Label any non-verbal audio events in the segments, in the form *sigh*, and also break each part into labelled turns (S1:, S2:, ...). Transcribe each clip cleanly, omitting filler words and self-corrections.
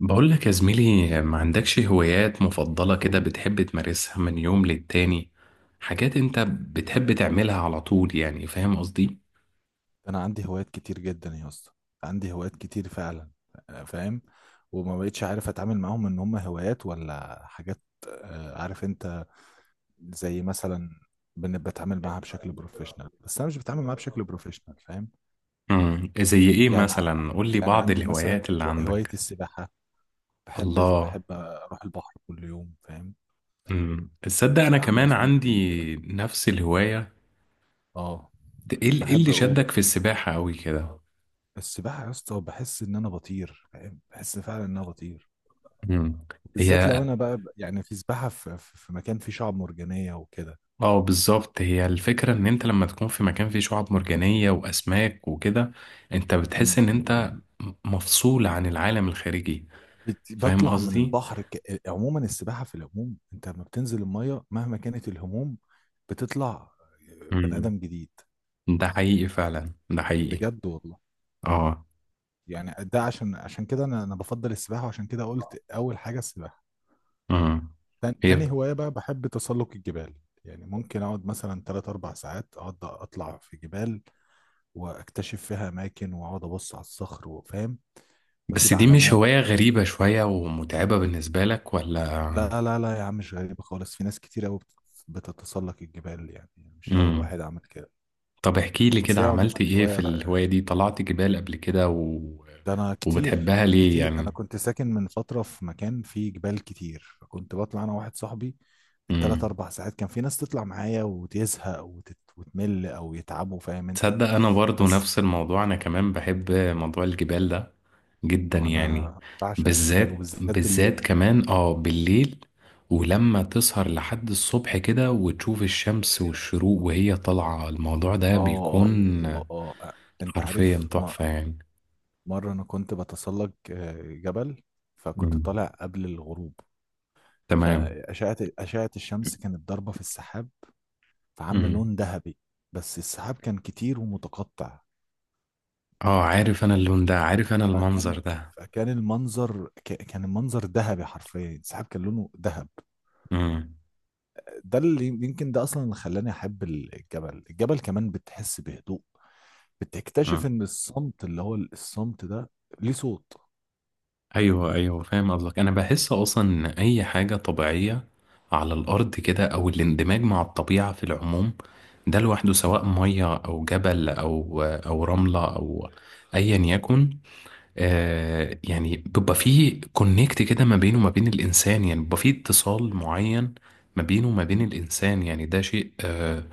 S1: بقول لك يا زميلي، ما عندكش هوايات مفضلة كده بتحب تمارسها من يوم للتاني؟ حاجات انت بتحب تعملها على طول، يعني فاهم قصدي؟
S2: انا عندي هوايات كتير جدا يا اسطى. عندي هوايات كتير فعلا. فاهم. وما بقتش عارف اتعامل معاهم ان هم هوايات ولا حاجات. آه، عارف انت. زي مثلا بتعامل معاها بشكل بروفيشنال، بس انا مش بتعامل معاها بشكل بروفيشنال. فاهم.
S1: زي ايه
S2: يعني
S1: مثلا؟ قول لي
S2: يعني
S1: بعض
S2: عندي مثلا
S1: الهوايات اللي
S2: هواية
S1: عندك.
S2: السباحة. بحب.
S1: الله.
S2: بحب اروح البحر كل يوم، فاهم.
S1: امم، تصدق انا
S2: آه، اعمل
S1: كمان
S2: سنوركلينج كده.
S1: عندي نفس الهوايه.
S2: اه.
S1: ايه إيه
S2: بحب
S1: اللي شدك في السباحه قوي كده؟
S2: السباحة يا اسطى بحس ان انا بطير، فاهم، بحس فعلا ان انا بطير.
S1: امم.
S2: بالذات لو
S1: هي.
S2: انا بقى يعني في سباحه في مكان فيه شعاب مرجانيه وكده.
S1: اه بالظبط، هي الفكره ان انت لما تكون في مكان فيه شعاب مرجانيه واسماك وكده، انت بتحس
S2: مم.
S1: ان انت مفصول عن العالم الخارجي. فاهم
S2: بطلع من
S1: قصدي.
S2: البحر عموما السباحه في العموم، انت لما بتنزل الميه مهما كانت الهموم بتطلع بني
S1: امم.
S2: ادم جديد.
S1: ده حقيقي فعلا، ده حقيقي.
S2: بجد والله.
S1: اه.
S2: يعني ده عشان كده انا بفضل السباحه، وعشان كده قلت اول حاجه السباحه.
S1: امم. هي.
S2: تاني هوايه بقى بحب تسلق الجبال. يعني ممكن اقعد مثلا 3 4 ساعات، اقعد اطلع في جبال واكتشف فيها اماكن واقعد ابص على الصخر وفاهم.
S1: بس
S2: واسيب
S1: دي مش
S2: علامات.
S1: هوايه غريبه شويه ومتعبه بالنسبه لك ولا؟
S2: لا لا لا يا عم، مش غريبة خالص، في ناس كتير قوي بتتسلق الجبال يعني. مش أول
S1: امم.
S2: واحد عمل كده.
S1: طب احكي لي
S2: بس
S1: كده،
S2: هي
S1: عملت
S2: عموما
S1: ايه في
S2: هواية رائعة.
S1: الهواية دي؟ طلعت جبال قبل كده و...
S2: ده أنا كتير
S1: وبتحبها ليه
S2: كتير،
S1: يعني؟
S2: أنا كنت ساكن من فترة في مكان فيه جبال كتير، فكنت بطلع أنا واحد صاحبي بالتلات
S1: امم،
S2: أربع ساعات. كان في ناس تطلع معايا وتزهق وتمل أو يتعبوا، فاهم أنت.
S1: تصدق انا برضو
S2: بس.
S1: نفس الموضوع، انا كمان بحب موضوع الجبال ده جدا يعني.
S2: وأنا بعشق الجبال
S1: بالذات
S2: وبالذات بالليل.
S1: بالذات كمان، اه، بالليل. ولما تسهر لحد الصبح كده وتشوف الشمس والشروق وهي طالعة، الموضوع ده بيكون
S2: آه آه. آه آه. أنت
S1: حرفيا
S2: عارف
S1: تحفة يعني.
S2: مرة أنا كنت بتسلق جبل. فكنت
S1: امم.
S2: طالع قبل الغروب.
S1: تمام.
S2: فأشعة أشعة الشمس كانت ضاربة في السحاب، فعاملة
S1: امم.
S2: لون ذهبي. بس السحاب كان كتير ومتقطع.
S1: اه عارف انا اللون ده، عارف انا
S2: فكان
S1: المنظر ده.
S2: فكان المنظر، كان المنظر ذهبي حرفيا، السحاب كان لونه ذهب. ده اللي يمكن ده أصلا اللي خلاني أحب الجبل. الجبل كمان بتحس بهدوء، بتكتشف
S1: امم.
S2: إن الصمت، اللي هو الصمت ده، ليه صوت.
S1: ايوه ايوه، فاهم قصدك. انا بحس اصلا ان اي حاجه طبيعيه على الارض كده، او الاندماج مع الطبيعه في العموم، ده لوحده، سواء ميه او جبل او رمله او ايا يكن، يعني بيبقى فيه كونكت كده ما بينه وما بين الانسان، يعني بيبقى فيه اتصال معين ما بينه وما بين الانسان. يعني ده شيء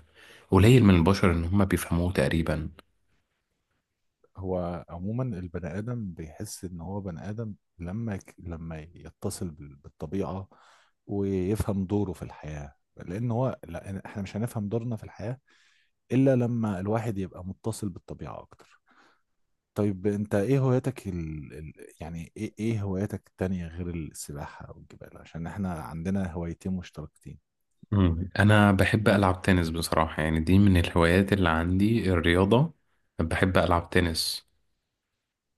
S1: قليل من البشر ان هم بيفهموه تقريبا.
S2: هو عموما البني آدم بيحس إن هو بني آدم لما لما يتصل بالطبيعة ويفهم دوره في الحياة. لأن هو لا، إحنا مش هنفهم دورنا في الحياة إلا لما الواحد يبقى متصل بالطبيعة أكتر. طيب أنت إيه هواياتك يعني إيه هواياتك التانية غير السباحة والجبال؟ عشان إحنا عندنا هوايتين مشتركتين.
S1: مم. انا بحب العب تنس بصراحة، يعني دي من الهوايات اللي عندي، الرياضة. بحب العب تنس.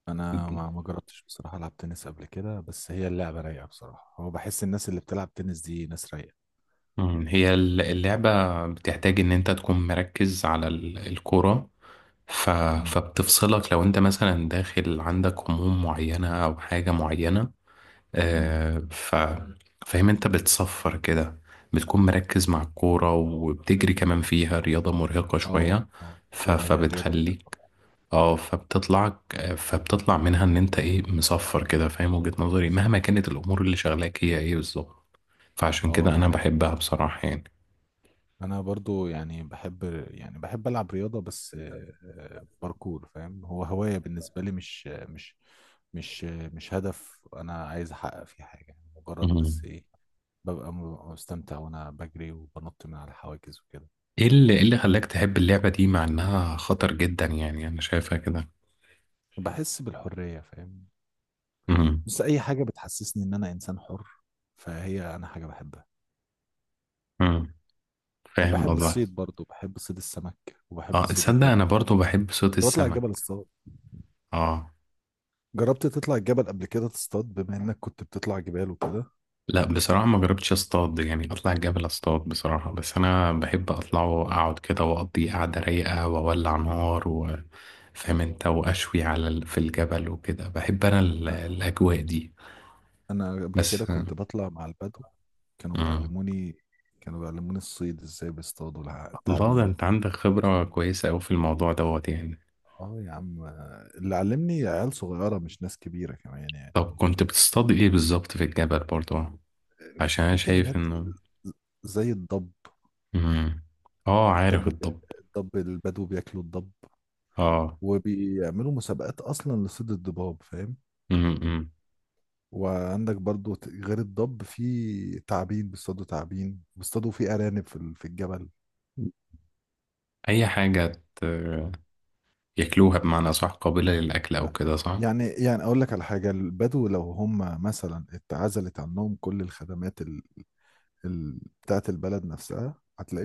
S2: أنا ما جربتش بصراحة ألعب تنس قبل كده، بس هي اللعبة رايقة بصراحة. هو بحس الناس اللي بتلعب تنس دي ناس رايقة.
S1: مم. هي اللعبة بتحتاج ان انت تكون مركز على الكرة. ف...
S2: امم.
S1: فبتفصلك لو انت مثلا داخل عندك هموم معينة او حاجة معينة.
S2: إمم.
S1: آه، ف... فاهم انت، بتصفر كده. بتكون مركز مع الكورة وبتجري كمان، فيها رياضة مرهقة
S2: اه
S1: شوية.
S2: اه، هي رياضة
S1: فبتخليك،
S2: مرهقة.
S1: اه فبتطلع منها ان انت ايه مصفر كده، فاهم وجهة نظري، مهما كانت الامور اللي شغلاك هي ايه بالظبط. فعشان
S2: اه،
S1: كده
S2: ده
S1: انا
S2: حقيقي.
S1: بحبها بصراحة يعني.
S2: انا برضو يعني بحب العب رياضة بس باركور. فاهم، هو هواية بالنسبة لي، مش هدف انا عايز احقق فيه حاجة، يعني مجرد بس
S1: مم.
S2: ايه، ببقى مستمتع وانا بجري وبنط من على الحواجز وكده.
S1: ايه اللي إيه اللي خلاك تحب اللعبة دي مع انها خطر جدا يعني، انا شايفها كده.
S2: بحس بالحرية، فاهم.
S1: مم.
S2: بس اي حاجة بتحسسني ان انا انسان حر فهي انا حاجة بحبها.
S1: مم. فاهم
S2: بحب
S1: قصدك.
S2: الصيد برضو، بحب صيد السمك وبحب
S1: اه
S2: صيد
S1: تصدق
S2: الجبل.
S1: انا برضو بحب صوت
S2: كنت بطلع الجبل
S1: السمك.
S2: الصغير.
S1: اه.
S2: جربت تطلع الجبل قبل كده تصطاد بما انك كنت بتطلع جبال وكده؟
S1: لا بصراحة ما جربتش اصطاد، يعني اطلع الجبل اصطاد بصراحة، بس انا بحب اطلع واقعد كده واقضي قعدة رايقة واولع نار فاهم انت، واشوي على في الجبل وكده، بحب انا
S2: أ-
S1: الاجواء دي
S2: انا قبل
S1: بس.
S2: كده كنت بطلع مع البدو. كانوا
S1: آه.
S2: بيعلموني كانوا بيعلموني الصيد ازاي، بيصطادوا
S1: الله، ده انت
S2: التعابين.
S1: عندك خبرة كويسة اوي في الموضوع دوت يعني.
S2: اه يا عم، اللي علمني عيال صغيرة مش ناس كبيرة كمان يعني
S1: طب
S2: والله.
S1: كنت بتصطاد ايه بالظبط في الجبل برضو؟ عشان انا
S2: في
S1: شايف
S2: كائنات
S1: انه.
S2: زي الضب.
S1: مم. اه عارف
S2: الضب.
S1: الضب.
S2: الضب البدو بياكلوا الضب
S1: اه.
S2: وبيعملوا مسابقات اصلا لصيد الضباب، فاهم.
S1: مم. مم.
S2: وعندك برضو غير الضب في تعابين، بيصطادوا تعابين، بيصطادوا في أرانب في في الجبل.
S1: اي حاجة ياكلوها، بمعنى صح؟ قابلة للأكل أو
S2: لا.
S1: كده صح؟
S2: يعني أقول لك على حاجة، البدو لو هم مثلا اتعزلت عنهم كل الخدمات بتاعت البلد نفسها،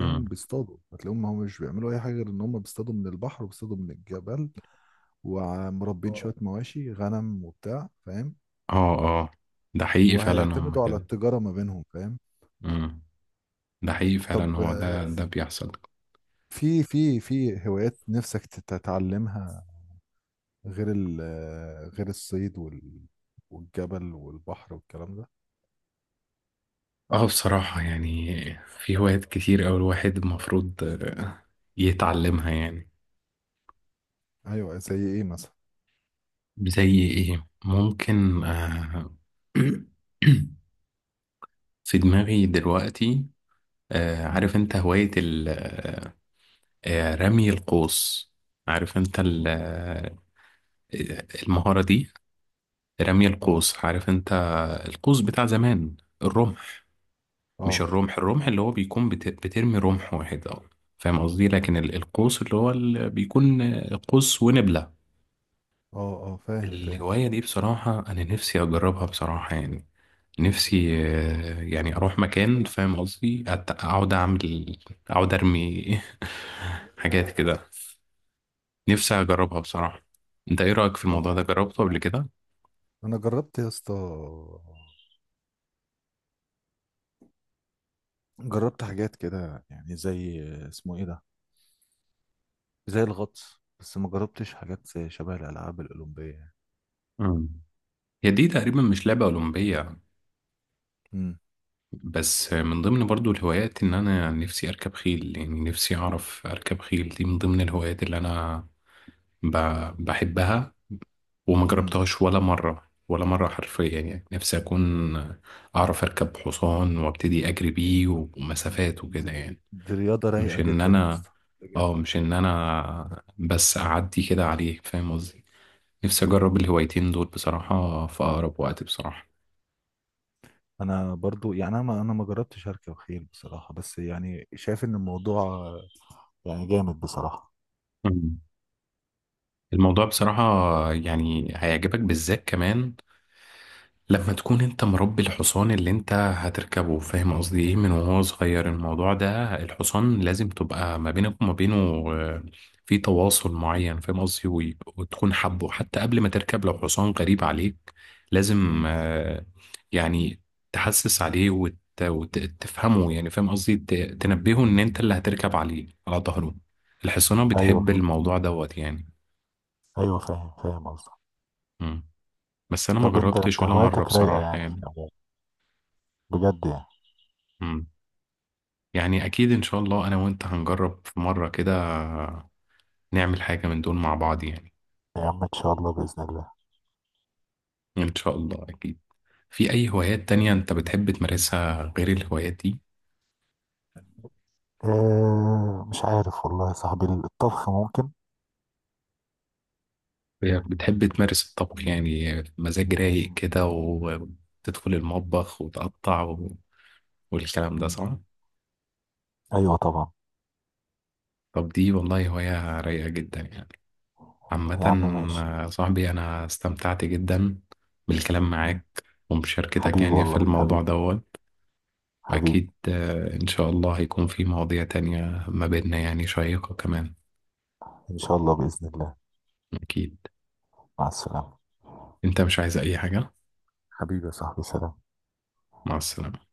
S1: مم.
S2: بيصطادوا، هتلاقيهم هم مش بيعملوا أي حاجة غير إن هم بيصطادوا من البحر وبيصطادوا من الجبل. ومربين
S1: آه.
S2: شوية مواشي غنم وبتاع، فاهم.
S1: اه اه، ده حقيقي فعلا هم
S2: وهيعتمدوا على
S1: كده.
S2: التجارة ما بينهم، فاهم.
S1: مم. ده حقيقي
S2: طب
S1: فعلا، هو ده بيحصل.
S2: في هوايات نفسك تتعلمها، غير ال غير الصيد والجبل والبحر والكلام ده؟
S1: اه بصراحة يعني، في هوايات كتير أوي الواحد المفروض يتعلمها يعني.
S2: ايوه، زي ايه مثلا؟
S1: زي ايه ممكن *clears throat* في دماغي دلوقتي.
S2: امم.
S1: عارف انت هواية رمي القوس. عارف انت المهارة دي، رمي
S2: اه
S1: القوس. عارف انت القوس بتاع زمان، الرمح. مش
S2: اه.
S1: الرمح، الرمح اللي هو بيكون بترمي رمح واحد اه. فاهم قصدي، لكن القوس اللي هو اللي بيكون قوس ونبلة.
S2: اه اه، فاهم فاهم.
S1: الهواية دي بصراحة أنا نفسي أجربها بصراحة يعني. نفسي يعني أروح مكان. فاهم قصدي أقعد أعمل، أقعد أرمي *laughs* حاجات كده. نفسي أجربها بصراحة. أنت إيه رأيك في
S2: اه،
S1: الموضوع ده، جربته قبل كده؟
S2: انا جربت يا اسطى. جربت حاجات كده يعني زي، اسمه ايه ده، زي الغطس. بس ما جربتش حاجات زي شبه الالعاب الاولمبيه يعني.
S1: مم. هي دي تقريبا مش لعبة أولمبية.
S2: امم.
S1: بس من ضمن برضو الهوايات ان انا نفسي اركب خيل، يعني نفسي اعرف اركب خيل، دي من ضمن الهوايات اللي انا بحبها وما
S2: امم.
S1: جربتهاش ولا مرة، ولا مرة حرفيا يعني. نفسي اكون اعرف اركب حصان وابتدي اجري بيه ومسافات
S2: دي,
S1: وكده يعني.
S2: دي رياضه
S1: مش
S2: رايقه
S1: ان
S2: جدا يا
S1: انا
S2: اسطى، بجد.
S1: اه مش ان انا بس اعدي كده عليه، فاهم قصدي. نفسي
S2: امم.
S1: اجرب الهوايتين دول بصراحة في اقرب وقت بصراحة.
S2: انا برضو يعني، انا ما جربتش اركب خيل بصراحه، بس يعني شايف ان الموضوع يعني جامد بصراحه.
S1: مم. الموضوع بصراحة يعني هيعجبك، بالذات كمان لما تكون انت مربي الحصان اللي انت هتركبه. فاهم قصدي ايه، من وهو صغير الموضوع ده، الحصان لازم تبقى ما بينك وما بينه آه، في تواصل معين. فاهم قصدي وتكون حبه حتى قبل ما تركب. لو حصان غريب عليك لازم،
S2: مم.
S1: يعني تحسس عليه وتفهمه يعني. فاهم قصدي تنبهه ان انت اللي هتركب عليه على ظهره. الحصانة
S2: ايوه
S1: بتحب
S2: فاهم.
S1: الموضوع دوت يعني.
S2: ايوه فاهم، فاهم قصدك.
S1: مم. بس انا ما
S2: طب انت
S1: جربتش
S2: انت
S1: ولا مرة
S2: هوايتك رايقه
S1: بصراحة
S2: يعني في
S1: يعني.
S2: العموم، بجد يعني.
S1: مم. يعني أكيد إن شاء الله، أنا وأنت هنجرب في مرة كده، نعمل حاجة من دول مع بعض يعني.
S2: يا عم ان شاء الله باذن الله.
S1: إن شاء الله أكيد. في أي هوايات تانية أنت بتحب تمارسها غير الهوايات دي؟
S2: اه، مش عارف والله يا صاحبي، الطبخ ممكن.
S1: بتحب تمارس الطبخ يعني، مزاج رايق
S2: مم.
S1: كده وتدخل المطبخ وتقطع و... والكلام ده
S2: مم.
S1: صح؟
S2: ايوه طبعا.
S1: طب دي والله هواية رايقة جدا يعني، عامة.
S2: يا عم ماشي.
S1: صاحبي أنا استمتعت جدا بالكلام
S2: مم.
S1: معاك ومشاركتك
S2: حبيبي
S1: يعني في
S2: والله،
S1: الموضوع
S2: حبيبي،
S1: ده.
S2: حبيبي.
S1: أكيد إن شاء الله هيكون في مواضيع تانية ما بيننا يعني شيقة كمان.
S2: ان شاء الله باذن الله.
S1: أكيد.
S2: مع السلامه.
S1: أنت مش عايز أي حاجة؟
S2: حبيبي يا صاحبي، سلام.
S1: مع السلامة.